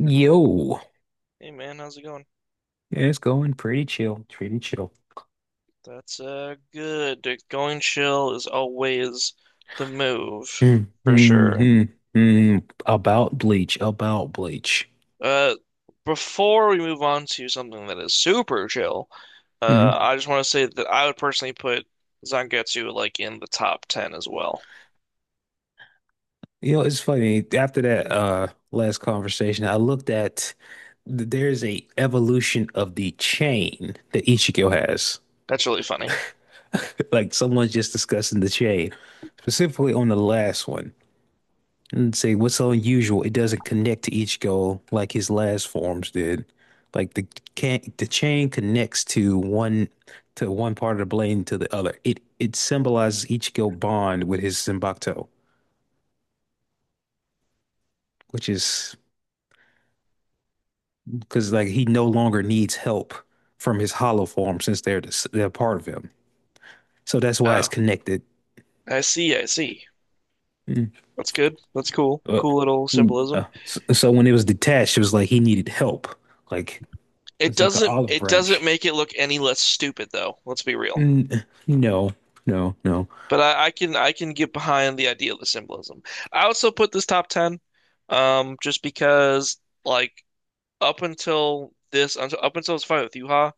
Yo, Hey man, how's it going? it's going pretty chill, pretty chill. That's good. Going chill is always the move Mm, for mm, sure. mm, mm. About Bleach, about Bleach. Uh before we move on to something that is super chill, Mm. Mm. I just want to say that I would personally put Zangetsu like in the top 10 as well. You know, it's funny. After that last conversation, I looked at there's a evolution of the chain that Ichigo has. That's really funny. Like someone's just discussing the chain, specifically on the last one. And say what's so unusual, it doesn't connect to each goal like his last forms did. Like the can the chain connects to one part of the blade to the other. It symbolizes Ichigo bond with his Zenbakuto, which is because like he no longer needs help from his hollow form since they're they're part of him. So that's why it's Oh, connected. I see, I see. Mm. That's good. That's cool. Uh, Cool little mm, symbolism. uh, so, so when it was detached, it was like he needed help. Like It it's like an doesn't olive it doesn't branch. make it look any less stupid though. Let's be real. N- No, no, no. But I can get behind the idea of the symbolism. I also put this top 10, just because like up until this fight with Yuha,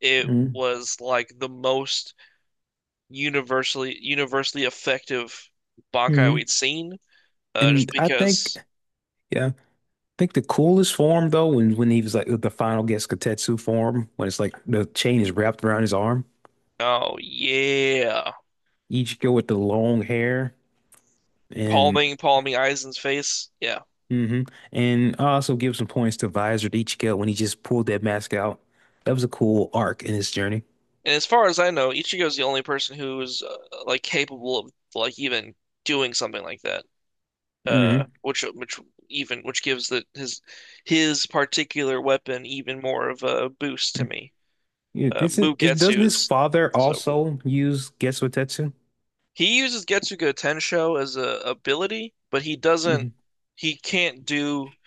it was like the most universally effective Bankai Mm-hmm. we'd seen. Just And I think, because. yeah, I think the coolest form though, when he was like the final Getsuketsu form, when it's like the chain is wrapped around his arm, Oh yeah, Ichigo with the long hair, and palming Aizen's face, yeah. hmm and I also give some points to Visor Ichigo when he just pulled that mask out. That was a cool arc in his journey. And as far as I know, Ichigo's the only person who's like capable of like even doing something like that. uh Hmm which which even which gives the his particular weapon even more of a boost to me. Yeah, this is, it, doesn't Mugetsu his is father so cool. also use Getsuketsu? He uses Getsuga Tensho as a ability, but he can't do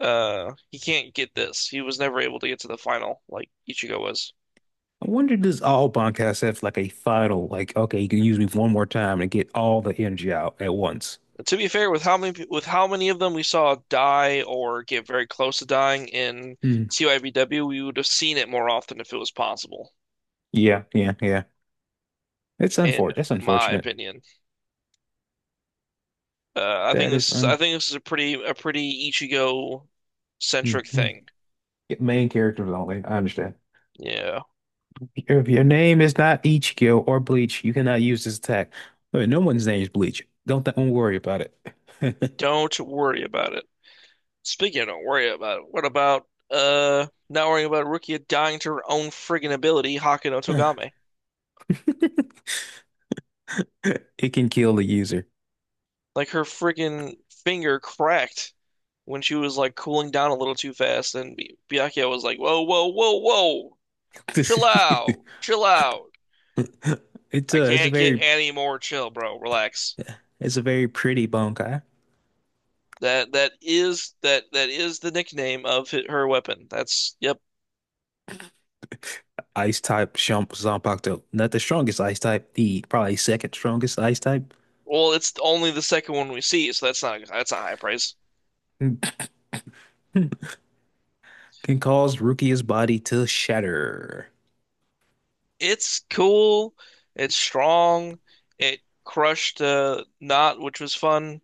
he can't get this. He was never able to get to the final like Ichigo was. I wonder, does all podcasts have like a final, like, okay, you can use me one more time and get all the energy out at once? But, to be fair, with how many of them we saw die or get very close to dying in Hmm. TYBW, we would have seen it more often if it was possible, Yeah, yeah, yeah. It's in unfortunate. That's my unfortunate. opinion. I think That this is is I un. think this is a pretty Ichigo centric Mm-hmm. thing. Main characters only. I understand. Yeah. If your name is not Ichigo or Bleach, you cannot use this attack. Wait, no one's name is Bleach. Don't don't worry about it. Don't worry about it. Speaking of don't worry about it, what about not worrying about Rukia dying to her own friggin' ability, Haka no Togame? It can kill the user. Like her friggin' finger cracked when she was like cooling down a little too fast, and B Byakuya was like, "Whoa, whoa, whoa, whoa, chill out, chill out. It's I a it's a can't get very any more chill, bro. Relax." it's a very pretty bonkai. That is the nickname of her weapon. That's, yep. Ice type Shump Zanpakuto. Not the strongest ice type, the probably second strongest ice type, Well, it's only the second one we see, so that's not high price. can, cause Rukia's body to shatter. It's cool. It's strong. It crushed Knot, which was fun.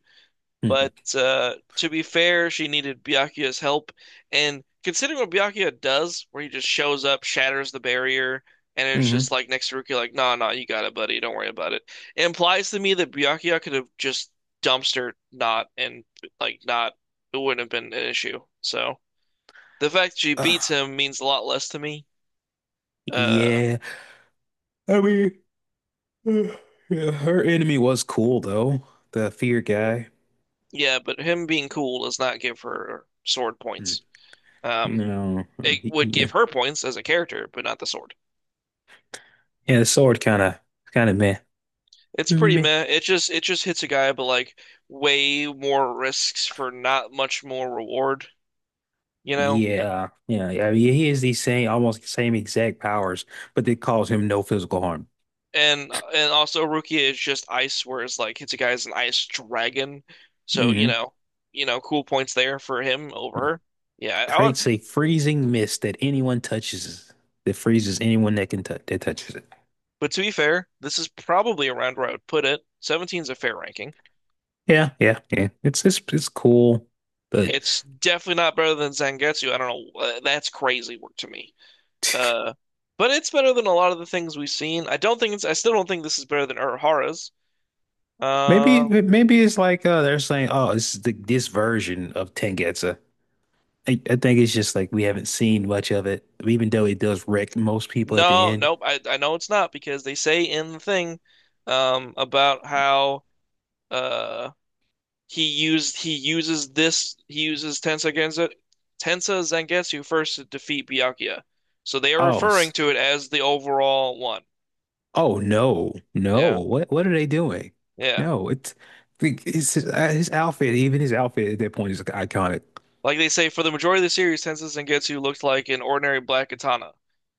But Hmm to be fair, she needed Byakuya's help. And considering what Byakuya does, where he just shows up, shatters the barrier, and it's hmm just like next to Rukia, like, nah, nah, you got it, buddy. Don't worry about it. It implies to me that Byakuya could have just dumpster not and like not, it wouldn't have been an issue. So the fact she Uh, beats him means a lot less to me. Uh, yeah. I mean, uh, yeah, her enemy was cool though. The fear guy. yeah, but him being cool does not give her sword Mm. points. Um, No. It would give Yeah. her points as a character, but not the sword. Yeah, the sword kind of meh. It's pretty Meh. meh. It just hits a guy, but like way more risks for not much more reward, you know? Yeah, yeah, yeah. I mean, he has the same, almost same exact powers, but they cause him no physical harm. And also Rukia is just ice, whereas like hits a guy is an ice dragon. So, you Hmm know, you know, cool points there for him over her. Yeah, I would, Creates a freezing mist that anyone touches. That freezes anyone that can touch that touches it. but to be fair, this is probably around where I would put it. 17 is a fair ranking. Yeah, yeah, yeah. It's cool, but It's definitely not better than Zangetsu. I don't know. That's crazy work to me. Uh, but it's better than a lot of the things we've seen. I still don't think this is better than Urahara's. maybe Um, maybe it's like they're saying, oh, this is the this version of Tengetsu. I think it's just like we haven't seen much of it, even though it does wreck most people at the no, end. nope. I know it's not because they say in the thing, about how, uh, he uses Tensa Zangetsu first to defeat Byakuya. So they are Oh, referring to it as the overall one. oh no, no! Yeah. What are they doing? Yeah. No, it's his outfit. Even his outfit at that point is iconic. Like they say, for the majority of the series, Tensei Zangetsu looked like an ordinary black katana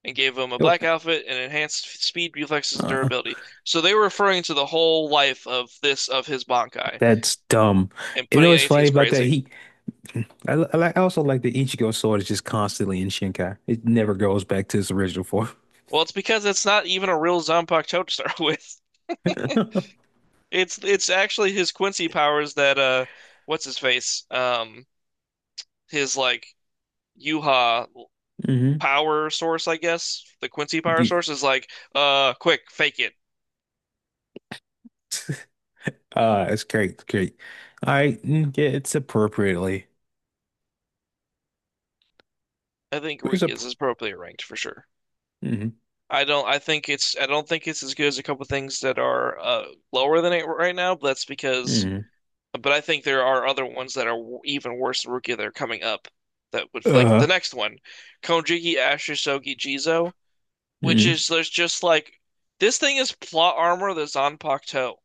and gave him a black outfit and enhanced speed, reflexes, and Uh-uh. durability. So they were referring to the whole life of his Bankai That's dumb. and You know putting it what's 18 funny is about that? crazy. He, I also like the Ichigo sword is just constantly in Shinkai. It never goes back to its original form. Well, it's because it's not even a real Zanpakuto to start with. It's actually his Quincy powers that what's his face? His like Yuha hmm power source, I guess. The Quincy power Yeah. source is like, quick, fake it. It's great, it's great. Yeah, it's appropriately. I think It's Riki a. is appropriately ranked for sure. hmm I don't. I think it's. I don't think it's as good as a couple things that are lower than it right now. But that's because. hmm But I think there are other ones that are even worse than Rookie that are coming up. That would like the Uh-huh. next one, Konjiki Ashisogi Jizo, which hmm is there's just like this thing is plot armor that's on Pakuto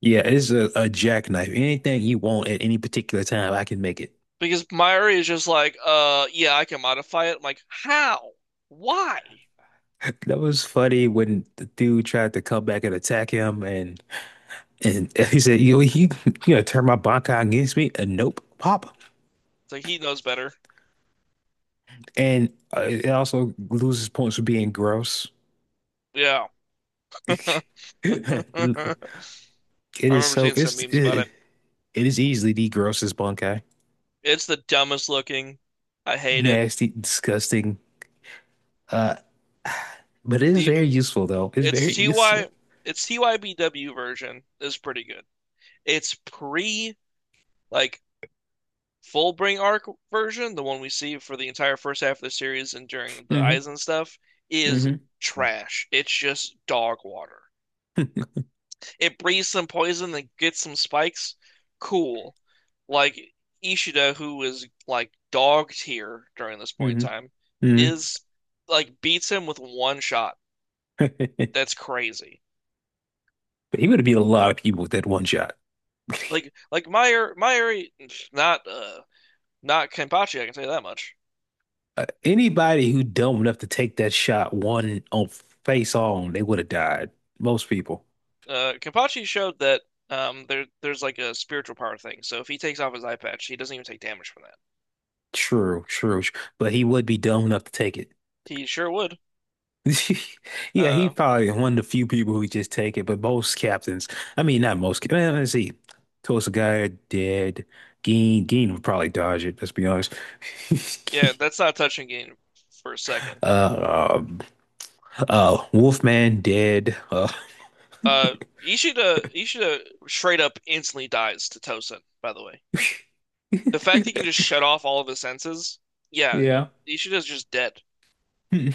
Yeah, it's a jackknife. Anything you want at any particular time, I can make it. because Mairi is just like, yeah, I can modify it. I'm like, how? Why? That was funny when the dude tried to come back and attack him, and he said, you know, he, you know, turn my Bankai against me. And nope, pop. So he knows better. And it also loses points for being gross. Yeah, I It is remember so, seeing some it's, memes about it. it is easily the grossest Bankai. It's the dumbest looking. I hate it. Nasty, disgusting. Uh, but it is very useful though. It's The very it's TY useful. it's TYBW version is pretty good. It's pre like Fullbring arc version, the one we see for the entire first half of the series and during the Mm-hmm. Eisen stuff, is Mm-hmm. trash. It's just dog water. It breathes some poison and gets some spikes. Cool. Like Ishida, who is like dog tier during this point in Mm-hmm. time, is like beats him with one shot. Mm-hmm. That's crazy. But he would have beat a lot of people with that one shot. Like Meyer, not uh not Kenpachi, I can say that much. Anybody who dumb enough to take that shot one on face on, they would have died. Most people. Kenpachi showed that there's like a spiritual power thing. So if he takes off his eye patch, he doesn't even take damage from that. True, true. But he would be dumb enough to take it. He sure would. Yeah, he Uh probably one of the few people who just take it. But most captains, I mean, not most. Well, let's see. Tulsa Guy dead. Geen Geen would probably dodge it. Let's be honest. yeah, that's not touching game for a second. Uh, um, Wolfman dead. Uh Ishida straight up instantly dies to Tosin, by the way. The fact he can just shut off all of his senses, yeah, yeah. Ishida's just dead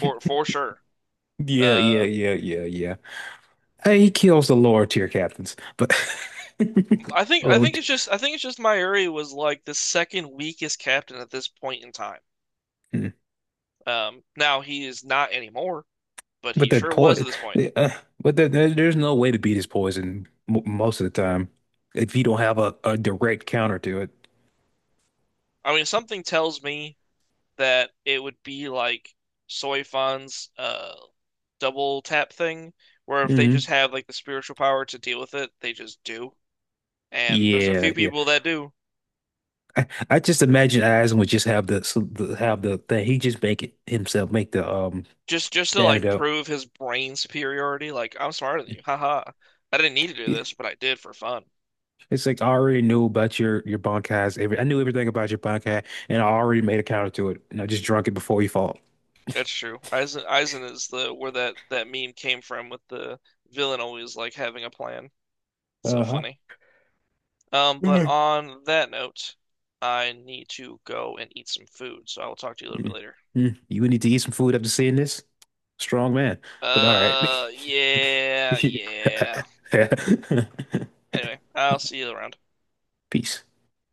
for sure. Yeah, yeah, Uh yeah, yeah, yeah. He kills the lower tier captains, but I think I low. think it's just Mairi was like the second weakest captain at this point in time. Hmm. Now he is not anymore, but he But that sure was at poison, this point. uh, but there's no way to beat his poison m most of the time if you don't have a direct counter to it. I mean, something tells me that it would be like Soifan's double tap thing, where if they just Hmm have like the spiritual power to deal with it, they just do. And there's a Yeah, few yeah. people that do. I just imagine Aizen would just have the, the have the thing. He just make it himself, make Just to the like antidote. prove his brain superiority, like I'm smarter than you. Haha. I didn't need to do Yeah. this, but I did for fun. It's like I already knew about your bankai's. Every I knew everything about your bankai, and I already made a counter to it, and I just drunk it before you fought. That's true. Aizen is the where that meme came from with the villain always like having a plan. So Uh-huh. funny. But on that note, I need to go and eat some food, so I will talk to you a little bit Mm, later. mm. You would need to eat some food after seeing this. Strong man. But all right. Yeah, yeah. Anyway, I'll see you around. Peace.